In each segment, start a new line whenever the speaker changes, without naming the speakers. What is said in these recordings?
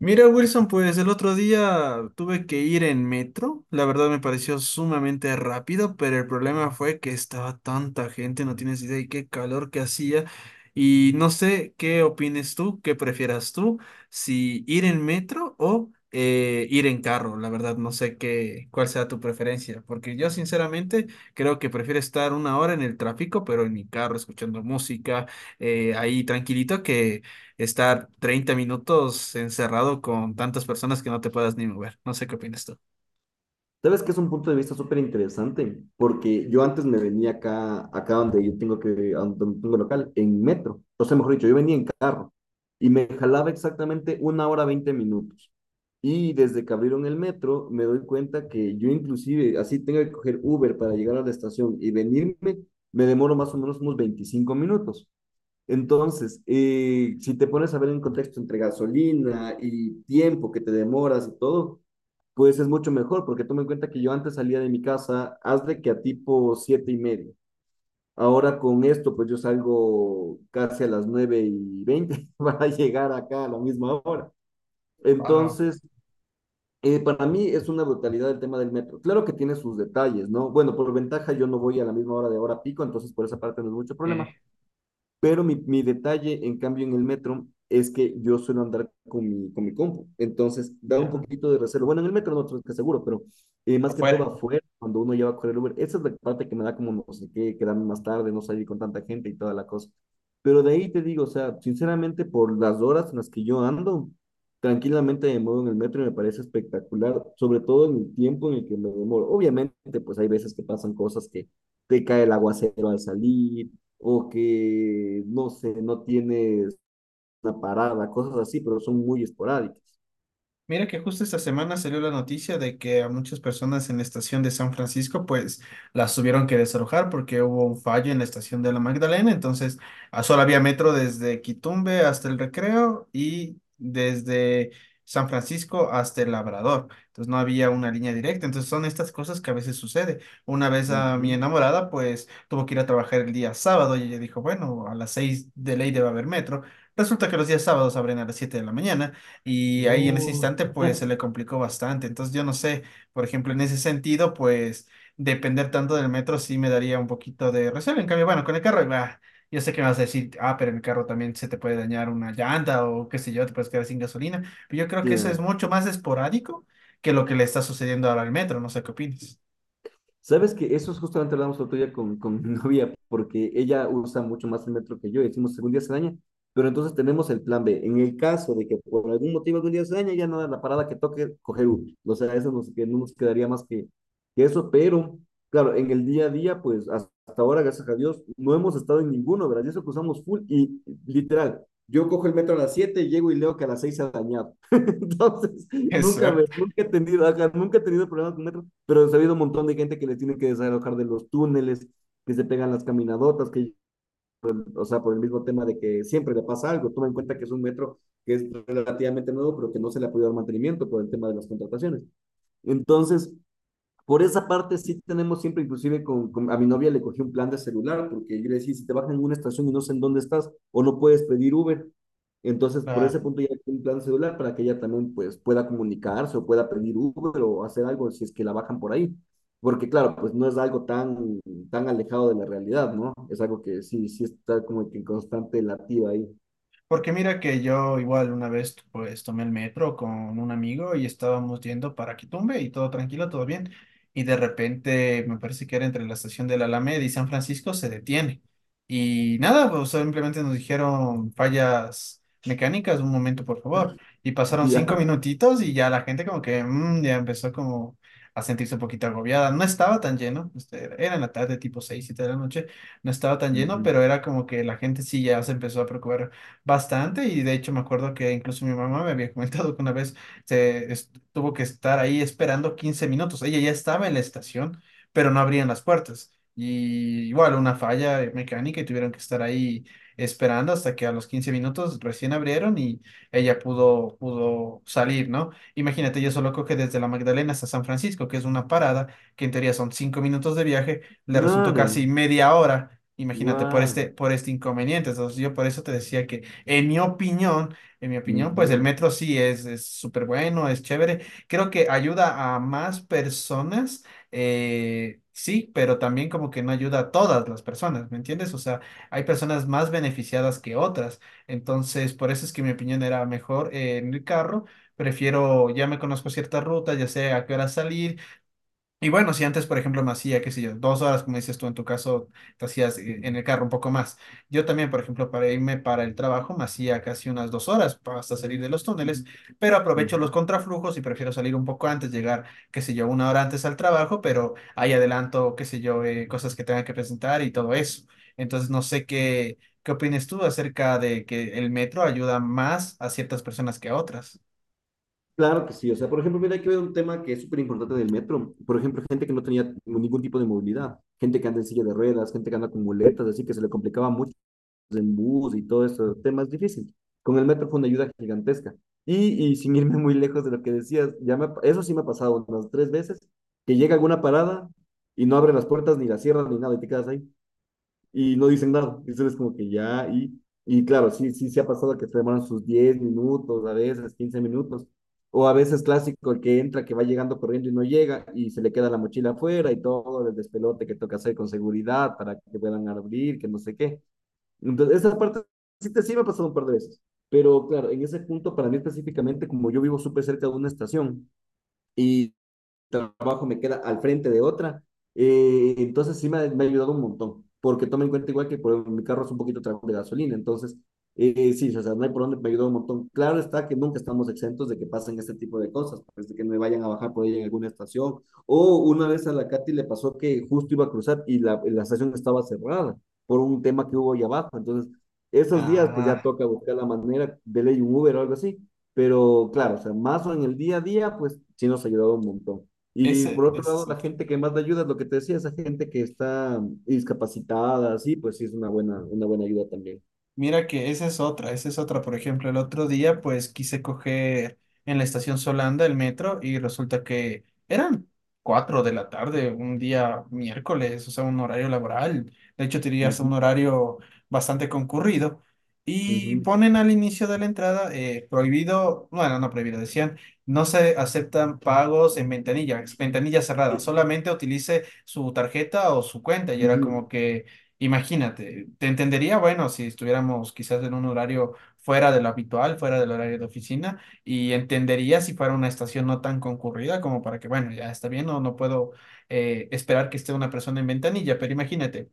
Mira, Wilson, pues el otro día tuve que ir en metro. La verdad me pareció sumamente rápido, pero el problema fue que estaba tanta gente, no tienes idea, y qué calor que hacía. Y no sé qué opines tú, qué prefieras tú, si ir en metro o ir en carro. La verdad no sé cuál sea tu preferencia, porque yo sinceramente creo que prefiero estar una hora en el tráfico, pero en mi carro, escuchando música, ahí tranquilito que estar 30 minutos encerrado con tantas personas que no te puedas ni mover. No sé qué opinas tú.
Sabes que es un punto de vista súper interesante, porque yo antes me venía acá donde a donde tengo local, en metro. O sea, mejor dicho, yo venía en carro y me jalaba exactamente 1 hora 20 minutos. Y desde que abrieron el metro, me doy cuenta que yo inclusive, así tengo que coger Uber para llegar a la estación y venirme, me demoro más o menos unos 25 minutos. Entonces, si te pones a ver en contexto entre gasolina y tiempo que te demoras y todo, pues es mucho mejor, porque toma en cuenta que yo antes salía de mi casa, haz de que a tipo 7:30. Ahora con esto, pues yo salgo casi a las 9:20 para llegar acá a la misma hora.
Wow.
Entonces, para mí es una brutalidad el tema del metro. Claro que tiene sus detalles, ¿no? Bueno, por ventaja yo no voy a la misma hora de hora pico, entonces por esa parte no es mucho
Eh,
problema. Pero mi detalle, en cambio, en el metro es que yo suelo andar con mi compu. Entonces, da un
ya,
poquito de reserva. Bueno, en el metro no estoy seguro, pero más que todo
afuera.
afuera, cuando uno lleva a correr Uber, esa es la parte que me da como no sé qué, quedarme más tarde, no salir con tanta gente y toda la cosa. Pero de ahí te digo, o sea, sinceramente, por las horas en las que yo ando, tranquilamente me muevo en el metro y me parece espectacular, sobre todo en el tiempo en el que me demoro. Obviamente, pues hay veces que pasan cosas que te cae el aguacero al salir o que, no sé, no tienes una parada, cosas así, pero son muy esporádicas.
Mira que justo esta semana salió la noticia de que a muchas personas en la estación de San Francisco pues las tuvieron que desalojar porque hubo un fallo en la estación de la Magdalena, entonces ah, solo había metro desde Quitumbe hasta el Recreo y desde San Francisco hasta el Labrador, entonces no había una línea directa, entonces son estas cosas que a veces sucede. Una vez a mi
Ujú.
enamorada pues tuvo que ir a trabajar el día sábado y ella dijo, bueno, a las 6 de ley debe haber metro. Resulta que los días sábados abren a las 7 de la mañana y ahí en ese
No,
instante, pues se le complicó bastante. Entonces, yo no sé, por ejemplo, en ese sentido, pues depender tanto del metro sí me daría un poquito de recelo. En cambio, bueno, con el carro, bah, yo sé que me vas a decir, ah, pero en el carro también se te puede dañar una llanta o qué sé yo, te puedes quedar sin gasolina. Pero yo creo que eso es
claro.
mucho más esporádico que lo que le está sucediendo ahora al metro. No sé qué opinas.
Sabes que eso es justamente lo hablamos el otro día con, mi novia, porque ella usa mucho más el metro que yo y decimos, algún día se daña, pero entonces tenemos el plan B. En el caso de que por algún motivo algún día se daña, ya no da la parada que toque, coger Uber. O sea, eso nos, que no nos quedaría más que eso, pero claro, en el día a día, pues hasta ahora, gracias a Dios, no hemos estado en ninguno, ¿verdad? Y eso que usamos full y literal. Yo cojo el metro a las 7 llego y leo que a las 6 se ha dañado. Entonces,
Es
Nunca, me,
suerte.
nunca he tenido, ajá, nunca he tenido problemas con metro, pero he sabido un montón de gente que les tiene que desalojar de los túneles, que se pegan las caminadotas, que, o sea, por el mismo tema de que siempre le pasa algo. Toma en cuenta que es un metro que es relativamente nuevo, pero que no se le ha podido dar mantenimiento por el tema de las contrataciones. Entonces, por esa parte sí tenemos siempre, inclusive a mi novia le cogí un plan de celular, porque yo le decía, si te bajan en una estación y no sé en dónde estás, o no puedes pedir Uber, entonces por ese punto ya le cogí un plan de celular para que ella también pues pueda comunicarse o pueda pedir Uber o hacer algo si es que la bajan por ahí. Porque claro, pues no es algo tan alejado de la realidad, ¿no? Es algo que sí, sí está como que en constante latido ahí.
Porque mira que yo igual una vez pues tomé el metro con un amigo y estábamos yendo para Quitumbe y todo tranquilo, todo bien. Y de repente me parece que era entre la estación de la Alameda y San Francisco se detiene. Y nada, pues simplemente nos dijeron fallas mecánicas, un momento por favor. Y pasaron cinco
Ya.
minutitos y ya la gente como que ya empezó como a sentirse un poquito agobiada. No estaba tan lleno, era en la tarde tipo 6, 7 de la noche no estaba tan lleno,
Ujú.
pero era como que la gente sí ya se empezó a preocupar bastante y de hecho me acuerdo que incluso mi mamá me había comentado que una vez tuvo que estar ahí esperando 15 minutos. Ella ya estaba en la estación, pero no abrían las puertas. Y igual una falla mecánica y tuvieron que estar ahí esperando hasta que a los 15 minutos recién abrieron y pudo salir, ¿no? Imagínate, yo solo coge desde la Magdalena hasta San Francisco, que es una parada, que en teoría son 5 minutos de viaje, le resultó
Claro.
casi media hora. Imagínate,
Guau.
por este inconveniente. Entonces, yo por eso te decía que en mi opinión, en mi opinión, pues el
Ujú.
metro sí es súper bueno, es chévere. Creo que ayuda a más personas, sí, pero también como que no ayuda a todas las personas, ¿me entiendes? O sea, hay personas más beneficiadas que otras. Entonces, por eso es que mi opinión era mejor en el carro. Prefiero, ya me conozco ciertas rutas, ya sé a qué hora salir y bueno, si antes, por ejemplo, me hacía, qué sé yo, 2 horas, como dices tú en tu caso, te hacías en el carro un poco más. Yo también, por ejemplo, para irme para el trabajo, me hacía casi unas 2 horas hasta salir de los túneles, pero aprovecho
Ujú.
los contraflujos y prefiero salir un poco antes, llegar, qué sé yo, una hora antes al trabajo, pero ahí adelanto, qué sé yo, cosas que tenga que presentar y todo eso. Entonces, no sé qué opinas tú acerca de que el metro ayuda más a ciertas personas que a otras.
Claro que sí, o sea, por ejemplo, mira, hay que ver un tema que es súper importante del metro. Por ejemplo, gente que no tenía ningún tipo de movilidad, gente que anda en silla de ruedas, gente que anda con muletas, así que se le complicaba mucho en bus y todo eso, temas difíciles. Con el metro fue una ayuda gigantesca. Y sin irme muy lejos de lo que decías, eso sí me ha pasado unas tres veces, que llega alguna parada y no abre las puertas ni la cierra ni nada y te quedas ahí y no dicen nada. Y ustedes como que ya, y claro, sí, sí, se ha pasado que se demoran sus 10 minutos, a veces 15 minutos, o a veces clásico, el que entra, que va llegando corriendo y no llega, y se le queda la mochila afuera y todo el despelote que toca hacer con seguridad para que puedan abrir, que no sé qué. Entonces, esa parte sí, te, sí me ha pasado un par de veces. Pero claro, en ese punto, para mí específicamente, como yo vivo súper cerca de una estación, y, trabajo me queda al frente de otra. Entonces sí ayudado un montón, porque toma en cuenta igual que por, mi carro es un poquito trago de gasolina, entonces sí, o sea, no hay por dónde, me ayudó un montón. Claro está que nunca estamos exentos de que pasen este tipo de cosas, pues, de que me vayan a bajar por ahí en alguna estación, o una vez a la Katy le pasó que justo iba a cruzar y la estación estaba cerrada por un tema que hubo ahí abajo, entonces esos días pues ya
Ah,
toca buscar la manera de ley un Uber o algo así, pero claro, o sea, más o en el día a día pues sí nos ha ayudado un montón. Y por otro
ese es
lado, la
otro.
gente que más le ayuda es lo que te decía, esa gente que está discapacitada, sí, pues sí es una buena ayuda también.
Mira que esa es otra, esa es otra. Por ejemplo, el otro día pues quise coger en la estación Solanda el metro y resulta que eran 4 de la tarde, un día miércoles, o sea, un horario laboral. De hecho, tenía hasta
Ujú,
un horario bastante concurrido. Y
ujú,
ponen al inicio de la entrada prohibido, bueno, no prohibido, decían, no se aceptan pagos en ventanilla, ventanilla cerrada,
eh,
solamente utilice su tarjeta o su cuenta. Y era
ujú,
como que... Imagínate, te entendería, bueno, si estuviéramos quizás en un horario fuera de lo habitual, fuera del horario de oficina, y entendería si fuera una estación no tan concurrida como para que, bueno, ya está bien, no, no puedo esperar que esté una persona en ventanilla, pero imagínate,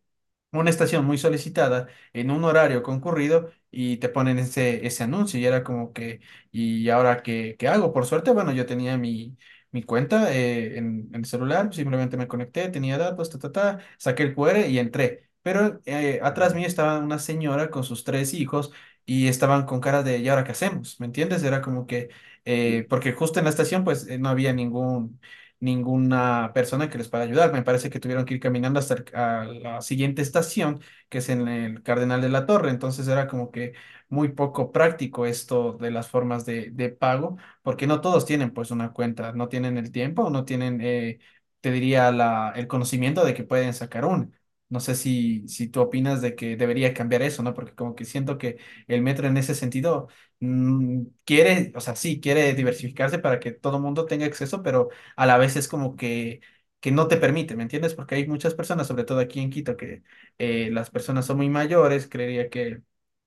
una estación muy solicitada en un horario concurrido y te ponen ese anuncio y era como que, ¿y ahora qué hago? Por suerte, bueno, yo tenía mi cuenta en el celular, simplemente me conecté, tenía datos, ta, ta, ta, saqué el QR y entré. Pero atrás
ujú,
mío estaba una señora con sus tres hijos y estaban con cara de, ¿y ahora qué hacemos? ¿Me entiendes? Era como que,
sí.
porque justo en la estación pues no había ningún ninguna persona que les pueda ayudar. Me parece que tuvieron que ir caminando hasta a la siguiente estación, que es en el Cardenal de la Torre. Entonces era como que muy poco práctico esto de las formas de pago, porque no todos tienen pues una cuenta, no tienen el tiempo, no tienen, te diría, el conocimiento de que pueden sacar una. No sé si tú opinas de que debería cambiar eso, ¿no? Porque como que siento que el metro en ese sentido quiere, o sea, sí, quiere diversificarse para que todo el mundo tenga acceso, pero a la vez es como que no te permite, ¿me entiendes? Porque hay muchas personas, sobre todo aquí en Quito, que las personas son muy mayores, creería que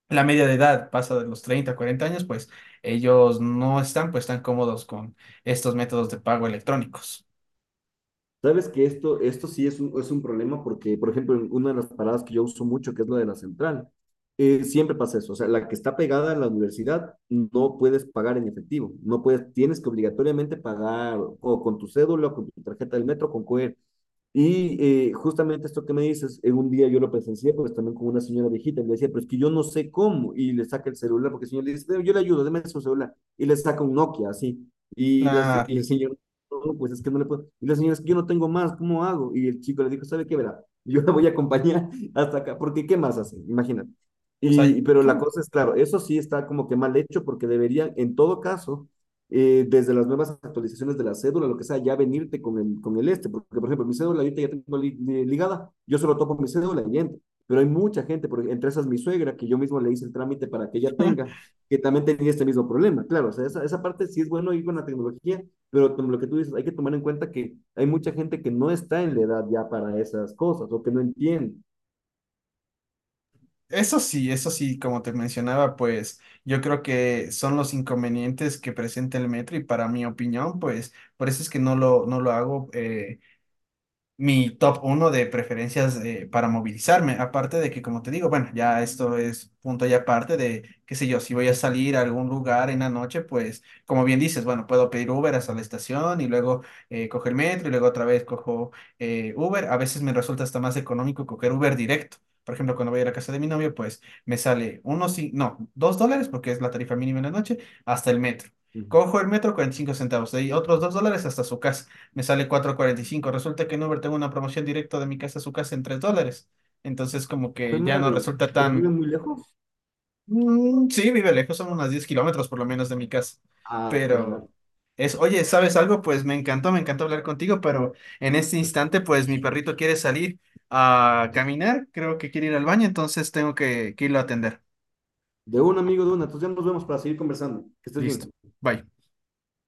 la media de edad pasa de los 30 a 40 años, pues ellos no están pues tan cómodos con estos métodos de pago electrónicos.
Sabes que esto sí es un problema porque, por ejemplo, en una de las paradas que yo uso mucho, que es la de la central, siempre pasa eso. O sea, la que está pegada a la universidad no puedes pagar en efectivo, no puedes, tienes que obligatoriamente pagar o con tu cédula, o con tu tarjeta del metro, con QR. Y justamente esto que me dices, en un día yo lo presencié, pues también con una señora viejita, y le decía, pero es que yo no sé cómo, y le saca el celular, porque el señor le dice, yo le ayudo, déme su celular, y le saca un Nokia, así, y, las, y
La,
el señor, "No, pues es que no le puedo, y la señora, es que yo no tengo más, ¿cómo hago? Y el chico le dijo, ¿sabe qué, verá? Yo la voy a acompañar hasta acá, porque ¿qué más hace? Imagínate.
o sea,
Y, pero la
mm,
cosa es, claro, eso sí está como que mal hecho, porque deberían, en todo caso, desde las nuevas actualizaciones de la cédula, lo que sea, ya venirte con el este, porque por ejemplo, mi cédula ahorita ya tengo ligada, yo solo topo mi cédula y entro, pero hay mucha gente, porque entre esas mi suegra, que yo mismo le hice el trámite para que ella tenga, que también tenía este mismo problema, claro, o sea, esa parte sí es bueno ir con la tecnología, pero como lo que tú dices, hay que tomar en cuenta que hay mucha gente que no está en la edad ya para esas cosas, o que no entiende.
eso sí, como te mencionaba, pues yo creo que son los inconvenientes que presenta el metro y para mi opinión, pues por eso es que no lo hago. Mi top uno de preferencias para movilizarme. Aparte de que, como te digo, bueno, ya esto es punto y aparte de, qué sé yo, si voy a salir a algún lugar en la noche, pues, como bien dices, bueno, puedo pedir Uber hasta la estación y luego cojo el metro y luego otra vez cojo Uber. A veces me resulta hasta más económico coger Uber directo. Por ejemplo, cuando voy a la casa de mi novio, pues me sale uno, sí, no, $2, porque es la tarifa mínima en la noche, hasta el metro.
Ujú.
Cojo el metro, 45 centavos, de ahí otros $2 hasta su casa me sale 4.45. Resulta que en Uber tengo una promoción directa de mi casa a su casa en $3. Entonces, como
Fue
que ya no
madre,
resulta
pero vive
tan...
muy lejos.
Mm, sí, vive lejos, son unos 10 kilómetros por lo menos de mi casa.
Ah,
Pero
claro.
es, oye, ¿sabes algo? Pues me encantó hablar contigo, pero en este instante, pues mi perrito quiere salir a caminar, creo que quiere ir al baño, entonces tengo que irlo a atender.
De un amigo de una, entonces ya nos vemos para seguir conversando. Que estés
Listo.
bien.
Bye.